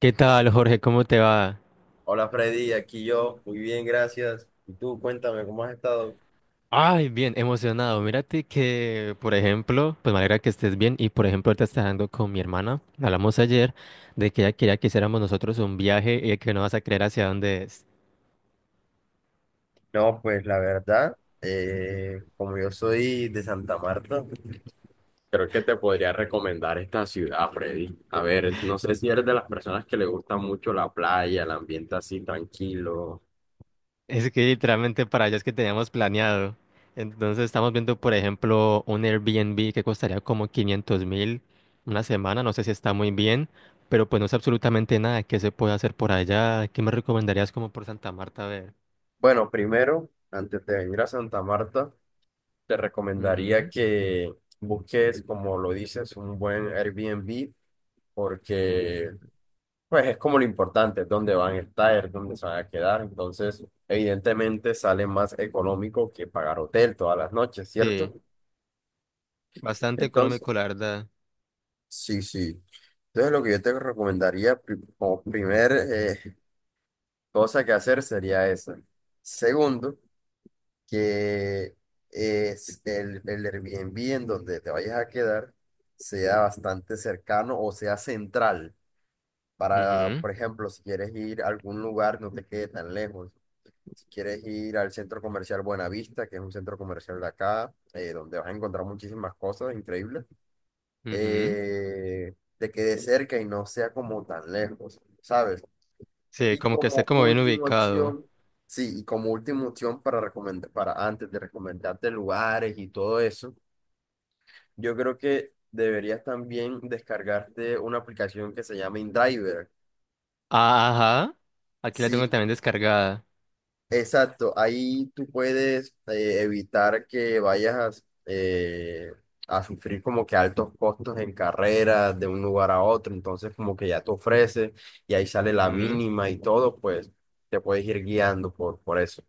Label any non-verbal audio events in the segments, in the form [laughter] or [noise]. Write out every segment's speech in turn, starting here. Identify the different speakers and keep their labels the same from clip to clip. Speaker 1: ¿Qué tal, Jorge? ¿Cómo te va?
Speaker 2: Hola Freddy, aquí yo, muy bien, gracias. Y tú, cuéntame, ¿cómo has estado?
Speaker 1: Ay, bien, emocionado. Mírate que, por ejemplo, pues me alegra que estés bien. Y por ejemplo, ahorita está hablando con mi hermana. Hablamos ayer de que ella quería que hiciéramos nosotros un viaje y que no vas a creer hacia dónde es.
Speaker 2: No, pues la verdad, como yo soy de Santa Marta, creo que te podría recomendar esta ciudad, Freddy. A ver, no sé si eres de las personas que le gusta mucho la playa, el ambiente así tranquilo.
Speaker 1: Es que literalmente para allá es que teníamos planeado. Entonces estamos viendo, por ejemplo, un Airbnb que costaría como 500.000 una semana. No sé si está muy bien, pero pues no sé absolutamente nada que se puede hacer por allá. ¿Qué me recomendarías como por Santa Marta? A ver.
Speaker 2: Bueno, primero, antes de venir a Santa Marta, te recomendaría
Speaker 1: Ujú.
Speaker 2: que busques, como lo dices, un buen Airbnb, porque Pues es como lo importante, dónde van a estar, dónde se van a quedar. Entonces, evidentemente sale más económico que pagar hotel todas las noches, ¿cierto?
Speaker 1: Sí. Bastante económico,
Speaker 2: Entonces,
Speaker 1: la verdad.
Speaker 2: sí, sí. Entonces, lo que yo te recomendaría como primer cosa que hacer sería esa. Segundo, que es el Airbnb en donde te vayas a quedar sea bastante cercano o sea central. Para, por ejemplo, si quieres ir a algún lugar, no te quede tan lejos. Si quieres ir al centro comercial Buenavista, que es un centro comercial de acá, donde vas a encontrar muchísimas cosas increíbles,
Speaker 1: Ujú, ujú.
Speaker 2: te quede cerca y no sea como tan lejos, ¿sabes?
Speaker 1: Sí,
Speaker 2: Y
Speaker 1: como que esté
Speaker 2: como
Speaker 1: como bien
Speaker 2: última
Speaker 1: ubicado.
Speaker 2: opción, sí, y como última opción para recomendar, para antes de recomendarte lugares y todo eso, yo creo que deberías también descargarte una aplicación que se llama InDriver.
Speaker 1: Ah, ajá. Aquí la tengo
Speaker 2: Sí.
Speaker 1: también descargada.
Speaker 2: Exacto, ahí tú puedes evitar que vayas a sufrir como que altos costos en carreras de un lugar a otro, entonces como que ya te ofrece y ahí sale la
Speaker 1: Ujú.
Speaker 2: mínima y todo, pues te puedes ir guiando por eso.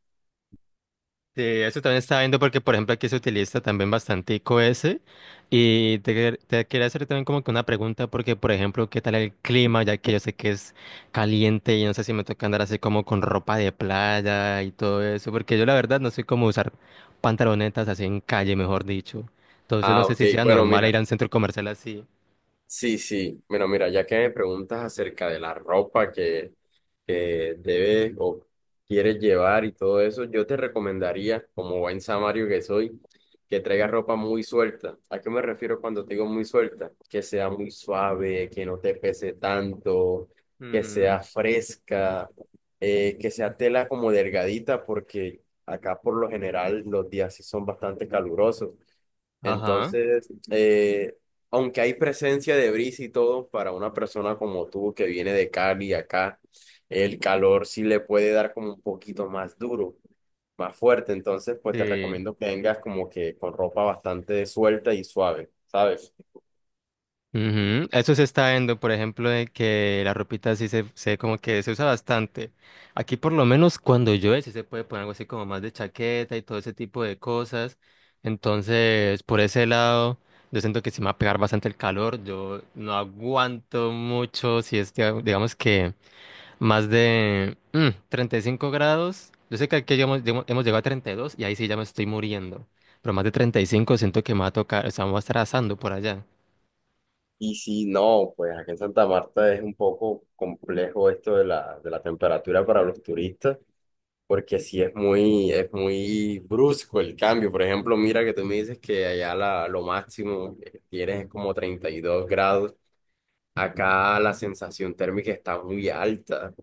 Speaker 1: Sí, eso también estaba viendo porque, por ejemplo, aquí se utiliza también bastante ese y te quería hacer también como que una pregunta porque, por ejemplo, ¿qué tal el clima? Ya que yo sé que es caliente y no sé si me toca andar así como con ropa de playa y todo eso, porque yo la verdad no soy como usar pantalonetas así en calle, mejor dicho. Entonces no
Speaker 2: Ah,
Speaker 1: sé
Speaker 2: ok.
Speaker 1: si sea
Speaker 2: Bueno,
Speaker 1: normal
Speaker 2: mira.
Speaker 1: ir a un centro comercial así.
Speaker 2: Sí, sí. Bueno, mira, ya que me preguntas acerca de la ropa que debes o quieres llevar y todo eso, yo te recomendaría, como buen samario que soy, que traigas ropa muy suelta. ¿A qué me refiero cuando te digo muy suelta? Que sea muy suave, que no te pese tanto, que
Speaker 1: Ujú.
Speaker 2: sea fresca, que sea tela como delgadita, porque acá por lo general los días sí son bastante calurosos.
Speaker 1: Ajá.
Speaker 2: Entonces, aunque hay presencia de brisa y todo, para una persona como tú que viene de Cali acá, el calor sí le puede dar como un poquito más duro, más fuerte. Entonces, pues te
Speaker 1: Sí.
Speaker 2: recomiendo que vengas como que con ropa bastante suelta y suave, ¿sabes?
Speaker 1: Ujú. Eso se está viendo, por ejemplo, de que la ropita sí se como que se usa bastante. Aquí por lo menos cuando llueve sí se puede poner algo así como más de chaqueta y todo ese tipo de cosas. Entonces, por ese lado, yo siento que sí me va a pegar bastante el calor. Yo no aguanto mucho si es, que, digamos que más de 35 grados. Yo sé que aquí hemos llegado a 32 y dos y ahí sí ya me estoy muriendo. Pero más de 35 siento que me va a tocar, o sea, me va a estar asando por allá.
Speaker 2: Y si no, pues aquí en Santa Marta es un poco complejo esto de la, temperatura para los turistas. Porque sí es muy brusco el cambio. Por ejemplo, mira que tú me dices que allá lo máximo que tienes es como 32 grados. Acá la sensación térmica está muy alta.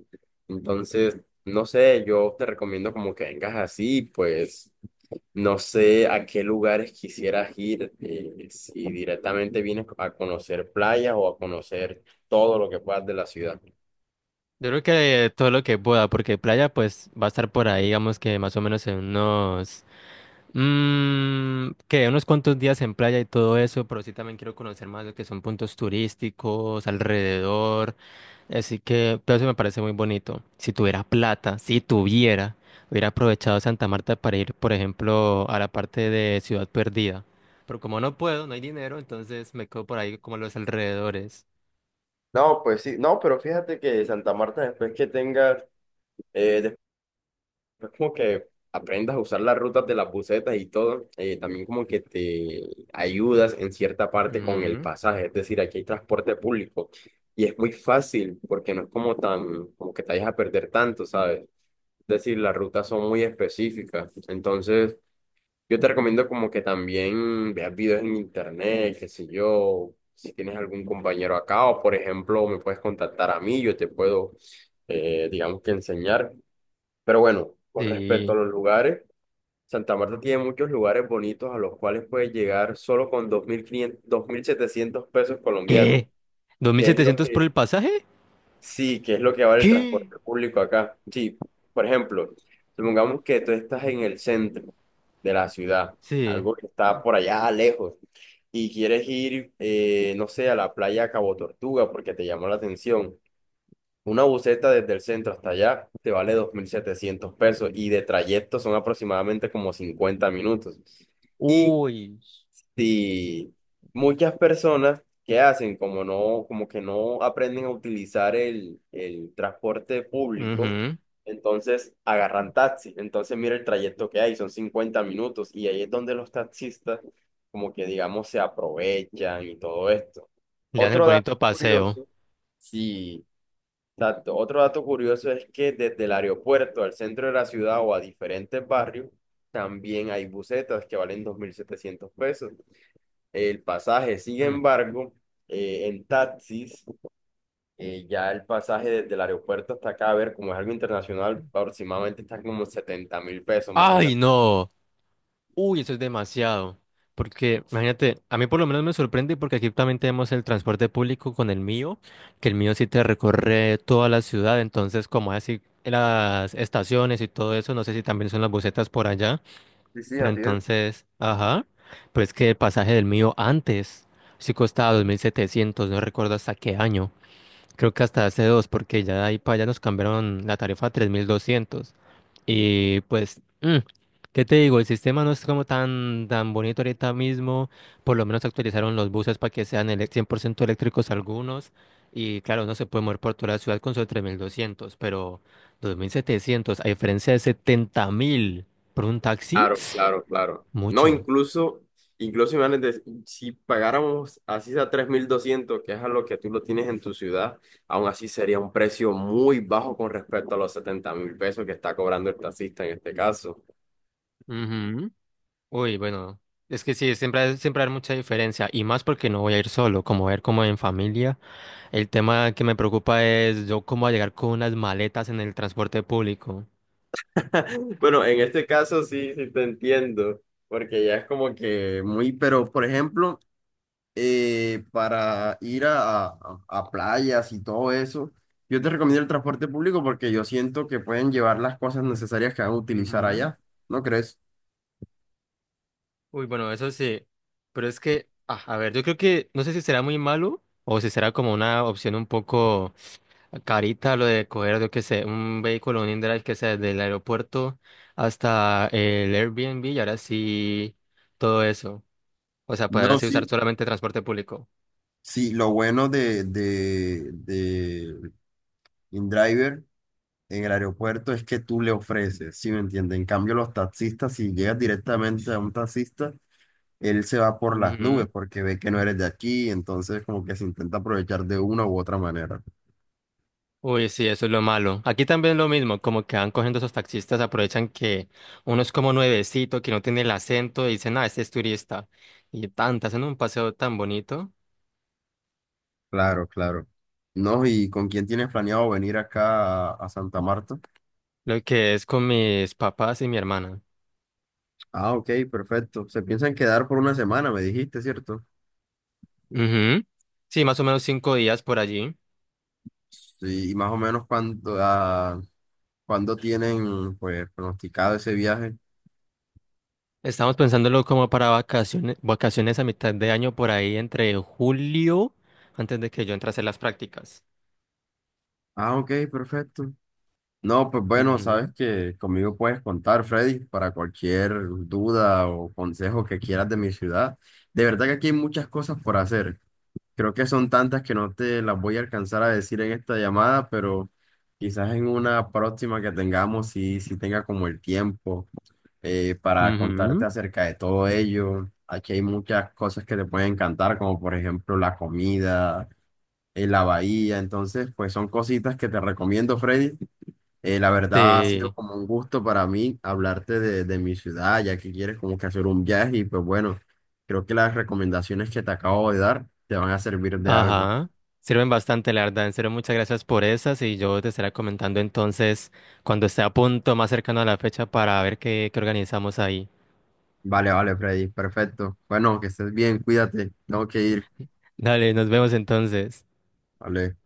Speaker 2: Entonces, no sé, yo te recomiendo como que vengas así, pues no sé a qué lugares quisieras ir, si directamente vienes a conocer playas o a conocer todo lo que puedas de la ciudad.
Speaker 1: Yo creo que todo lo que pueda, porque playa pues va a estar por ahí, digamos que más o menos en unos, que unos cuantos días en playa y todo eso, pero sí también quiero conocer más lo que son puntos turísticos alrededor, así que todo eso me parece muy bonito. Si tuviera plata, si tuviera, hubiera aprovechado Santa Marta para ir, por ejemplo, a la parte de Ciudad Perdida, pero como no puedo, no hay dinero, entonces me quedo por ahí como a los alrededores.
Speaker 2: No, pues sí, no, pero fíjate que Santa Marta, después que tengas es como que aprendas a usar las rutas de las busetas y todo, también como que te ayudas en cierta parte con el
Speaker 1: Ujú.
Speaker 2: pasaje, es decir, aquí hay transporte público y es muy fácil porque no es como tan, como que te vayas a perder tanto, ¿sabes? Es decir, las rutas son muy específicas, entonces yo te recomiendo como que también veas videos en internet, qué sé yo, si tienes algún compañero acá o por ejemplo me puedes contactar a mí, yo te puedo, digamos que enseñar. Pero bueno, con respecto a
Speaker 1: Sí.
Speaker 2: los lugares, Santa Marta tiene muchos lugares bonitos a los cuales puedes llegar solo con dos mil quinientos 2.700 pesos colombianos,
Speaker 1: ¿Qué? ¿Dos mil
Speaker 2: que es lo
Speaker 1: setecientos por
Speaker 2: que,
Speaker 1: el pasaje?
Speaker 2: sí, que es lo que vale el
Speaker 1: ¿Qué?
Speaker 2: transporte público acá. Sí, por ejemplo, supongamos que tú estás en el centro de la ciudad,
Speaker 1: Sí.
Speaker 2: algo que está por allá lejos, y quieres ir, no sé, a la playa Cabo Tortuga porque te llamó la atención. Una buseta desde el centro hasta allá te vale 2.700 pesos y de trayecto son aproximadamente como 50 minutos. Y
Speaker 1: Uy.
Speaker 2: si muchas personas que hacen como no, como que no aprenden a utilizar el transporte público,
Speaker 1: Ujú.
Speaker 2: entonces agarran taxi. Entonces mira el trayecto que hay, son 50 minutos y ahí es donde los taxistas como que digamos se aprovechan y todo esto.
Speaker 1: Le dan el
Speaker 2: Otro dato
Speaker 1: bonito paseo.
Speaker 2: curioso, sí. Otro dato curioso es que desde el aeropuerto al centro de la ciudad o a diferentes barrios, también hay busetas que valen 2.700 pesos. El pasaje, sin
Speaker 1: Mm.
Speaker 2: embargo, en taxis, ya el pasaje desde el aeropuerto hasta acá, a ver, como es algo internacional, aproximadamente está como 70.000 pesos,
Speaker 1: ¡Ay,
Speaker 2: imagínate.
Speaker 1: no! Uy, eso es demasiado. Porque, imagínate, a mí por lo menos me sorprende porque aquí también tenemos el transporte público con el mío, que el mío sí te recorre toda la ciudad, entonces como así las estaciones y todo eso, no sé si también son las busetas por allá.
Speaker 2: Sí, sí,
Speaker 1: Pero
Speaker 2: así es.
Speaker 1: entonces, ajá, pero es que el pasaje del mío antes sí costaba 2.700, no recuerdo hasta qué año. Creo que hasta hace dos, porque ya de ahí para allá nos cambiaron la tarifa a 3.200. Y pues, ¿qué te digo? El sistema no es como tan, tan bonito ahorita mismo. Por lo menos actualizaron los buses para que sean 100% eléctricos algunos. Y claro, no se puede mover por toda la ciudad con solo 3.200, pero 2.700 a diferencia de 70.000 por un taxi.
Speaker 2: Claro, claro, claro. No,
Speaker 1: Mucho.
Speaker 2: incluso, imagínate, si pagáramos así a 3.200, que es a lo que tú lo tienes en tu ciudad, aún así sería un precio muy bajo con respecto a los 70.000 pesos que está cobrando el taxista en este caso.
Speaker 1: Ujú. Uy, bueno, es que sí, siempre, siempre hay mucha diferencia y más porque no voy a ir solo, como ver como en familia. El tema que me preocupa es yo cómo voy a llegar con unas maletas en el transporte público.
Speaker 2: [laughs] Bueno, en este caso sí, sí te entiendo, porque ya es como que muy, pero por ejemplo, para ir a playas y todo eso, yo te recomiendo el transporte público porque yo siento que pueden llevar las cosas necesarias que van a utilizar
Speaker 1: Ujú.
Speaker 2: allá, ¿no crees?
Speaker 1: Uy, bueno, eso sí, pero es que, ah, a ver, yo creo que no sé si será muy malo o si será como una opción un poco carita lo de coger, yo qué sé, un vehículo, un indrive que sea desde el aeropuerto hasta el Airbnb y ahora sí todo eso. O sea, poder
Speaker 2: No,
Speaker 1: así usar
Speaker 2: sí,
Speaker 1: solamente transporte público.
Speaker 2: sí, lo bueno de InDriver en el aeropuerto es que tú le ofreces, ¿sí me entiendes? En cambio, los taxistas, si llegas directamente a un taxista, él se va por las nubes
Speaker 1: Ujú.
Speaker 2: porque ve que no eres de aquí, entonces como que se intenta aprovechar de una u otra manera.
Speaker 1: Uy, sí, eso es lo malo. Aquí también lo mismo, como que van cogiendo esos taxistas, aprovechan que uno es como nuevecito, que no tiene el acento, y dicen, ah, este es turista. Y tanta hacen un paseo tan bonito,
Speaker 2: Claro, claro. No, ¿y con quién tienes planeado venir acá a Santa Marta?
Speaker 1: lo que es con mis papás y mi hermana.
Speaker 2: Ah, ok, perfecto. Se piensan quedar por una semana, me dijiste, ¿cierto?
Speaker 1: Ujú. Sí, más o menos 5 días por allí.
Speaker 2: Sí, y más o menos cuándo tienen pues pronosticado ese viaje.
Speaker 1: Estamos pensándolo como para vacaciones, vacaciones a mitad de año, por ahí entre julio, antes de que yo entrase a hacer las prácticas.
Speaker 2: Ah, ok, perfecto. No, pues bueno,
Speaker 1: Ujú.
Speaker 2: sabes que conmigo puedes contar, Freddy, para cualquier duda o consejo que quieras de mi ciudad. De verdad que aquí hay muchas cosas por hacer. Creo que son tantas que no te las voy a alcanzar a decir en esta llamada, pero quizás en una próxima que tengamos, si tenga como el tiempo para contarte
Speaker 1: Ujú.
Speaker 2: acerca de todo ello. Aquí hay muchas cosas que te pueden encantar, como por ejemplo la comida, la bahía. Entonces, pues son cositas que te recomiendo, Freddy, la verdad ha sido
Speaker 1: Sí.
Speaker 2: como un gusto para mí hablarte de mi ciudad, ya que quieres como que hacer un viaje y pues bueno, creo que las recomendaciones que te acabo de dar te van a servir de algo.
Speaker 1: Ajá, sirven bastante, la verdad. En serio, muchas gracias por esas y yo te estaré comentando entonces cuando esté a punto, más cercano a la fecha, para ver qué, qué organizamos ahí.
Speaker 2: Vale, vale, Freddy, perfecto. Bueno, que estés bien, cuídate, tengo que ir.
Speaker 1: Dale, nos vemos entonces.
Speaker 2: Vale.